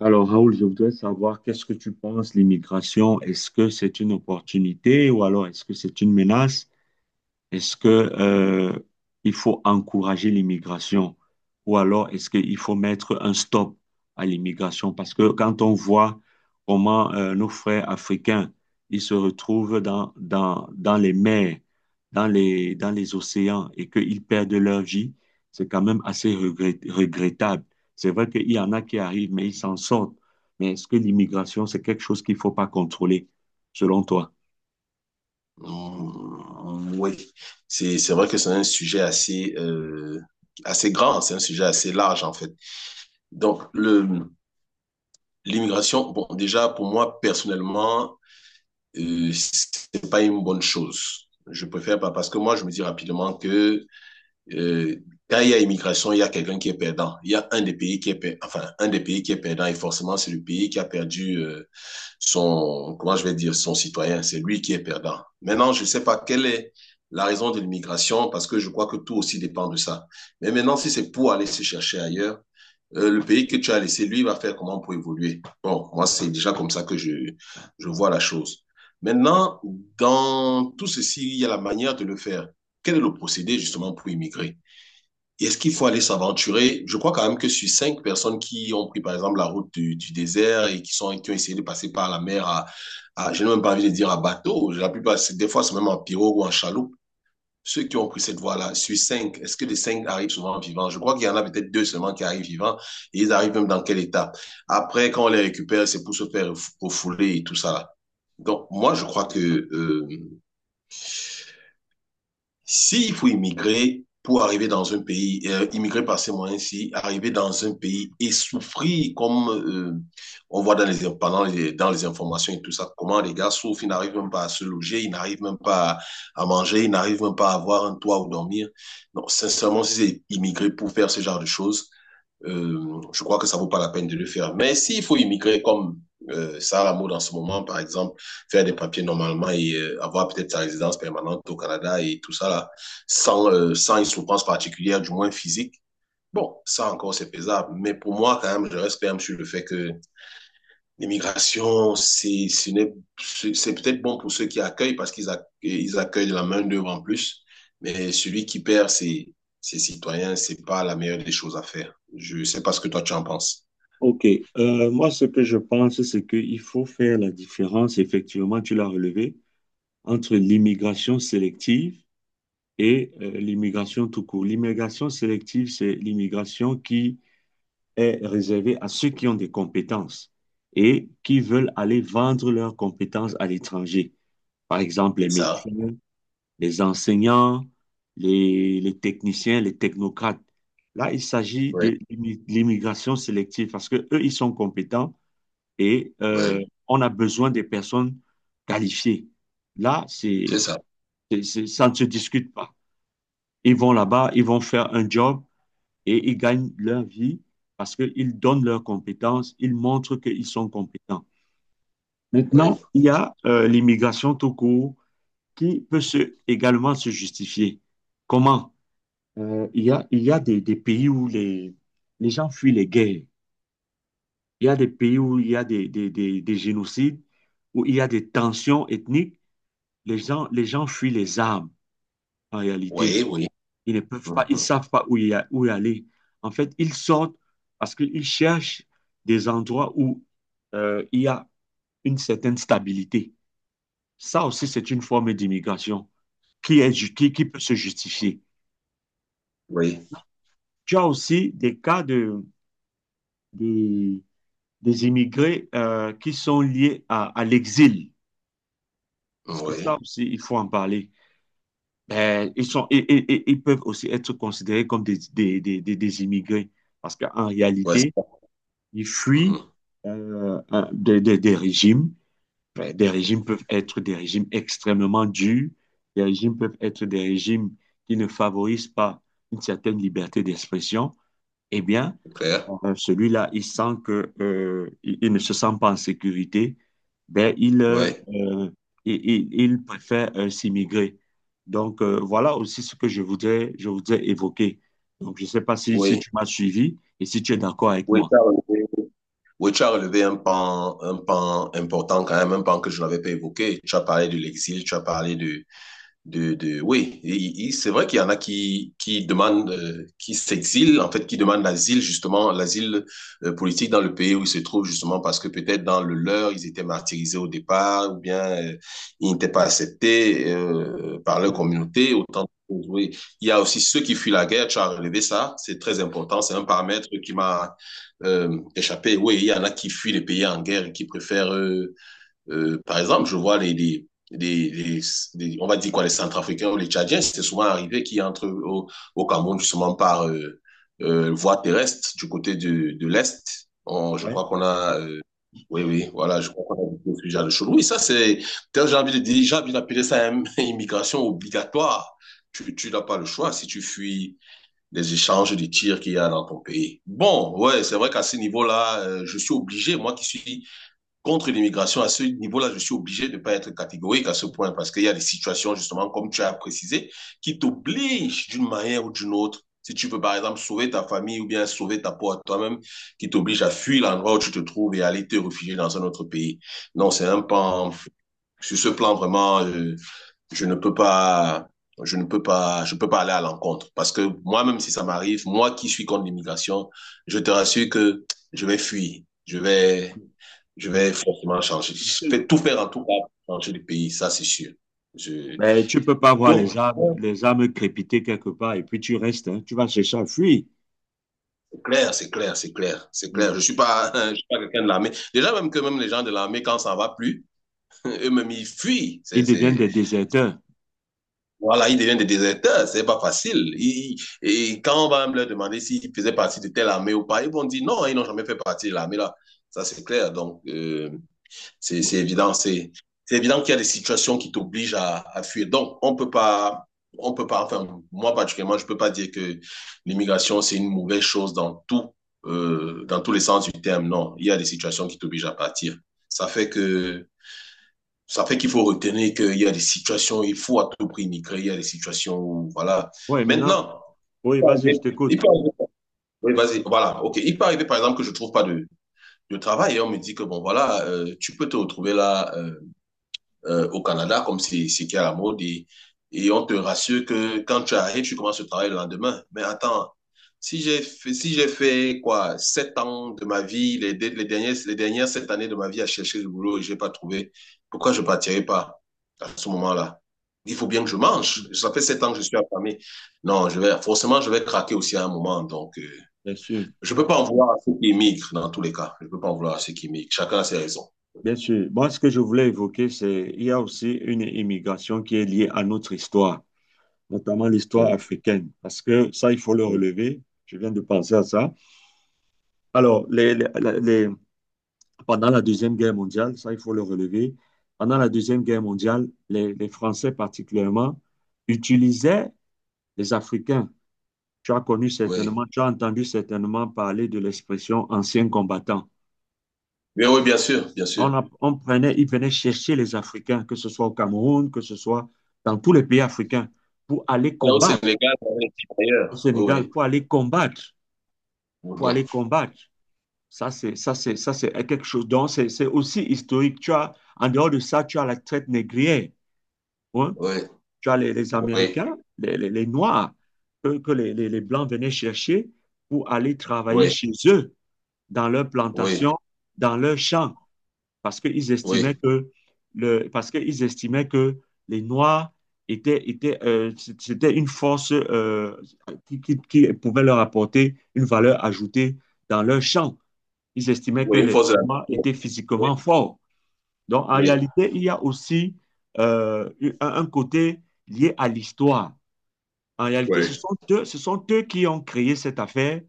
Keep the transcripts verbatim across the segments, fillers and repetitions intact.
Alors, Raoul, je voudrais savoir qu'est-ce que tu penses, l'immigration? Est-ce que c'est une opportunité ou alors est-ce que c'est une menace? Est-ce que, euh, il faut encourager l'immigration ou alors est-ce qu'il faut mettre un stop à l'immigration? Parce que quand on voit comment euh, nos frères africains, ils se retrouvent dans, dans, dans les mers, dans les, dans les océans et qu'ils perdent leur vie, c'est quand même assez regret- regrettable. C'est vrai qu'il y en a qui arrivent, mais ils s'en sortent. Mais est-ce que l'immigration, c'est quelque chose qu'il ne faut pas contrôler, selon toi? Mm, oui, c'est c'est vrai que c'est un sujet assez euh, assez grand, c'est un sujet assez large en fait. Donc le l'immigration, bon déjà pour moi personnellement, euh, c'est pas une bonne chose. Je préfère pas parce que moi je me dis rapidement que euh, quand il y a immigration, il y a quelqu'un qui est perdant. Il y a un des pays qui est per- enfin un des pays qui est perdant et forcément c'est le pays qui a perdu euh, son, comment je vais dire, son citoyen. C'est lui qui est perdant. Maintenant, je ne sais pas quelle est la raison de l'immigration, parce que je crois que tout aussi dépend de ça. Mais maintenant, si c'est pour aller se chercher ailleurs, euh, le pays que tu as laissé, lui, va faire comment pour évoluer. Bon, moi, c'est déjà comme ça que je, je vois la chose. Maintenant, dans tout ceci, il y a la manière de le faire. Quel est le procédé justement pour immigrer, est-ce qu'il faut aller s'aventurer? Je crois quand même que sur cinq personnes qui ont pris, par exemple, la route du, du désert et qui sont, qui ont essayé de passer par la mer à, à- je n'ai même pas envie de dire à bateau, la plupart, des fois, c'est même en pirogue ou en chaloupe. Ceux qui ont pris cette voie-là, sur cinq, est-ce que les cinq arrivent souvent vivants? Je crois qu'il y en a peut-être deux seulement qui arrivent vivants, et ils arrivent même dans quel état? Après, quand on les récupère, c'est pour se faire refouler et tout ça là. Donc, moi, je crois que, euh, S'il faut immigrer pour arriver dans un pays, euh, immigrer par ces moyens-ci, arriver dans un pays et souffrir comme euh, on voit dans les, pendant les- dans les informations et tout ça, comment les gars souffrent, ils n'arrivent même pas à se loger, ils n'arrivent même pas à, à manger, ils n'arrivent même pas à avoir un toit où dormir. Non, sincèrement, si c'est immigrer pour faire ce genre de choses, euh, je crois que ça vaut pas la peine de le faire. Mais s'il faut immigrer comme euh, Sarah Maud en ce moment, par exemple, faire des papiers normalement et euh, avoir peut-être sa résidence permanente au Canada et tout ça, là, sans, euh, sans une souffrance particulière, du moins physique, bon, ça encore, c'est pesable. Mais pour moi, quand même, je reste quand même sur le fait que l'immigration, c'est c'est- peut-être bon pour ceux qui accueillent parce qu'ils accue- ils accueillent de la main-d'œuvre en plus, mais celui qui perd ses, ses citoyens, c'est pas la meilleure des choses à faire. Je ne sais pas ce que toi tu en penses. Ok. Euh, moi ce que je pense, c'est qu'il faut faire la différence, effectivement, tu l'as relevé, entre l'immigration sélective et euh, l'immigration tout court. L'immigration sélective, c'est l'immigration qui est réservée à ceux qui ont des compétences et qui veulent aller vendre leurs compétences à l'étranger. Par exemple, les C'est ça? médecins, les enseignants, les, les techniciens, les technocrates. Là, il s'agit Oui. de l'immi- l'immigration sélective parce que eux, ils sont compétents et euh, Oui, on a besoin des personnes qualifiées. Là, c'est c'est, ça. c'est- c'est- ça ne se discute pas. Ils vont là-bas, ils vont faire un job et ils gagnent leur vie parce qu'ils donnent leurs compétences, ils montrent qu'ils sont compétents. Oui. Maintenant, il y a euh, l'immigration tout court qui peut se, également se justifier. Comment? Euh, il y a, il y a des, des pays où les, les gens fuient les guerres. Il y a des pays où il y a des, des, des des génocides, où il y a des tensions ethniques. Les gens, les gens fuient les armes, en réalité. Oui, oui. Ils ne peuvent pas, ils ne Mhm. savent pas où, y a- où y aller. En fait, ils sortent parce qu'ils cherchent des endroits où euh, il y a une certaine stabilité. Ça aussi, c'est une forme d'immigration qui est, ju- qui, qui peut se justifier. Oui, Tu as aussi des cas de, de- des immigrés euh, qui sont liés à, à l'exil. Parce que ça oui. aussi, il faut en parler. Ben, ils sont, et- et- et- ils peuvent aussi être considérés comme des, des, des, des, des immigrés parce qu'en Ouais, c'est réalité, ça. ils fuient Mhm. euh, un- des, des, des régimes. Ben, des régimes peuvent être des régimes extrêmement durs, des régimes peuvent être des régimes qui ne favorisent pas une certaine liberté d'expression. Eh bien, C'est clair. euh, celui-là, il sent que, euh, il, il ne se sent pas en sécurité. Ben, il, euh, Oui, euh, il, il- il préfère euh, s'immigrer. Donc, euh, voilà aussi ce que je voudrais, je voudrais évoquer. Donc, je ne sais pas si, si oui. tu m'as suivi et si tu es d'accord avec Oui, moi. tu as relevé oui, tu as relevé un pan, un pan important quand même, un pan que je n'avais pas évoqué. Tu as parlé de l'exil, tu as parlé de, de, de oui, et- et c'est vrai qu'il y en a qui, qui demandent, euh, qui s'exilent, en fait, qui demandent l'asile, justement, l'asile euh, politique dans le pays où ils se trouvent, justement, parce que peut-être dans le leur, ils étaient martyrisés au départ, ou bien euh, ils n'étaient pas acceptés euh, par leur Ouais. communauté, autant de choses, oui. Il y a aussi ceux qui fuient la guerre, tu as relevé ça, c'est très important, c'est un paramètre qui m'a euh, échappé. Oui, il y en a qui fuient les pays en guerre et qui préfèrent euh, euh, par exemple, je vois les, les, les, les, les- on va dire quoi, les Centrafricains ou les Tchadiens, c'est souvent arrivé qu'ils entrent au, au Cameroun justement par euh, euh, voie terrestre du côté de, de l'Est. On- je Ouais. crois qu'on a, euh, oui, oui, voilà, je crois qu'on a beaucoup de genre de choses. Oui, ça, c'est, tel, j'ai envie de dire, j'ai envie d'appeler ça une immigration obligatoire. Tu, tu n'as pas le choix si tu fuis les échanges de tirs qu'il y a dans ton pays. Bon, ouais, c'est vrai qu'à ce niveau-là, euh, je suis obligé, moi qui suis contre l'immigration, à ce niveau-là, je suis obligé de ne pas être catégorique à ce point parce qu'il y a des situations, justement, comme tu as précisé, qui t'obligent d'une manière ou d'une autre. Si tu veux, par exemple, sauver ta famille ou bien sauver ta peau à toi-même, qui t'obligent à fuir l'endroit où tu te trouves et à aller te réfugier dans un autre pays. Non, c'est un pan, sur ce plan, vraiment, euh, je ne peux pas, je ne peux pas, je peux pas aller à l'encontre. Parce que moi, même si ça m'arrive, moi qui suis contre l'immigration, je te rassure que je vais fuir. Je vais, je vais forcément changer. Je fais tout faire en tout cas pour changer le pays, ça c'est sûr. Je... Ben, tu peux pas voir les Donc, âmes, bon, les âmes crépiter quelque part et puis tu restes, hein. Tu vas chercher à fuir. c'est clair, c'est clair, c'est clair, c'est clair. Je ne suis pas, je suis pas quelqu'un de l'armée. Déjà, même que même les gens de l'armée, quand ça ne va plus, eux-mêmes, ils fuient. Ils C'est, deviennent c'est... des déserteurs. Voilà, ils deviennent des déserteurs, c'est pas facile. Ils... et quand on va leur demander s'ils faisaient partie de telle armée ou pas, ils vont dire non, ils n'ont jamais fait partie de l'armée là. Ça, c'est clair. Donc, euh, C'est c'est évident. C'est c'est évident qu'il y a des situations qui t'obligent à, à, fuir. Donc, on peut pas, on peut pas, enfin, moi particulièrement, je peux pas dire que l'immigration, c'est une mauvaise chose dans tout, euh, dans tous les sens du terme. Non, il y a des situations qui t'obligent à partir. Ça fait que Ça fait qu'il faut retenir qu'il y a des situations où il faut à tout prix migrer, il y a des situations où, voilà. Oui, maintenant, Maintenant, oui, vas-y, je il t'écoute. peut arriver, oui, vas-y, voilà, ok. Il peut arriver, par exemple, que je trouve pas de, de travail et on me dit que, bon, voilà, euh, tu peux te retrouver là, euh, euh, au Canada, comme c'est c'est qui est à la mode, et, et on te rassure que quand tu arrives, tu commences le travail le lendemain. Mais attends, si j'ai fait, si j'ai fait quoi, sept ans de ma vie, les, les dernières, les dernières sept années de ma vie à chercher du boulot et j'ai pas trouvé, pourquoi je partirais pas à ce moment-là? Il faut bien que je mange. Ça fait sept ans que je suis affamé. Non, je vais, forcément, je vais craquer aussi à un moment. Donc, euh, Bien sûr. je ne peux pas en vouloir à ceux qui émigrent dans tous les cas. Je ne peux pas en vouloir à ceux qui émigrent. Chacun a ses raisons. Bien sûr. Moi, ce que je voulais évoquer, c'est il y a aussi une immigration qui est liée à notre histoire, notamment l'histoire Oui, africaine, parce que ça, il faut le oui. relever. Je viens de penser à ça. Alors, les, les- les- pendant la Deuxième Guerre mondiale, ça, il faut le relever. Pendant la Deuxième Guerre mondiale, les, les Français particulièrement utilisaient les Africains. Tu as connu certainement, tu as entendu certainement parler de l'expression ancien combattant. Oui, oui, bien sûr, bien sûr. On, a- on prenait, ils venaient chercher les Africains, que ce soit au Cameroun, que ce soit dans tous les pays africains, pour aller Ouais, au combattre Sénégal, on avait dit au d'ailleurs. Oui, Sénégal, oui. pour aller combattre, pour Mhm. aller combattre. Ça, c'est, ça, c'est, ça, c'est quelque chose. Donc, c'est, c'est aussi historique. Tu as, en dehors de ça, tu as la traite négrière, hein. Oui, Tu as les, les oui, Américains, les, les- les Noirs, que, que les, les- les Blancs venaient chercher pour aller travailler oui, chez eux, dans leurs oui, plantations, dans leurs champs, parce qu'ils estimaient oui. que le, parce qu'ils estimaient que les Noirs étaient, étaient, euh, c- c'était une force euh, qui, qui- qui pouvait leur apporter une valeur ajoutée dans leur champ. Ils estimaient que Oui, une les force de la Noirs nature. étaient Oui, physiquement forts. Donc, en oui, réalité, il y a aussi euh, un un côté lié à l'histoire. En réalité, ce oui. sont eux, ce sont eux qui ont créé cette affaire,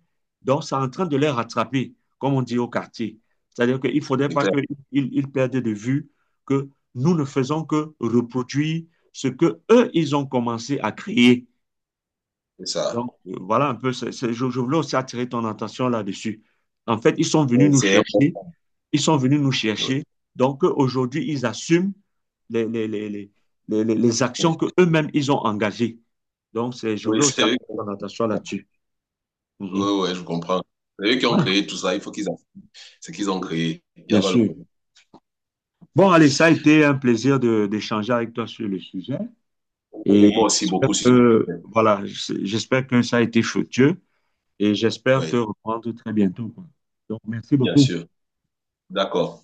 donc c'est en train de les rattraper, comme on dit au quartier. C'est-à-dire qu'il ne faudrait C'est pas clair, qu'ils ils perdent de vue que nous ne faisons que reproduire ce que eux, ils ont commencé à créer. c'est ça. Donc, euh, voilà un peu, c'est- c'est- je, je voulais aussi attirer ton attention là-dessus. En fait, ils sont venus Oui, nous c'est un bon. chercher. Ils sont venus nous Oui, chercher. Donc, euh, aujourd'hui, ils assument les, les, les, les, les, les- les actions qu'eux-mêmes, ils ont engagées. Donc, c'est, je oui, voulais aussi c'est eux attirer qui... ton attention là-dessus. Mhm. Oui, oui, je comprends. C'est eux qui ont Ouais, créé tout ça. Il faut qu'ils en... C'est qu'ils ont créé. Il y bien avait le sûr. problème. Bon, allez, ça a été un plaisir de, d'échanger avec toi sur le sujet. Et Moi aussi, j'espère beaucoup. sur- que, voilà, j'espère que ça a été fructueux et j'espère te Oui, reprendre très bientôt, quoi. Donc, merci bien beaucoup. sûr. D'accord.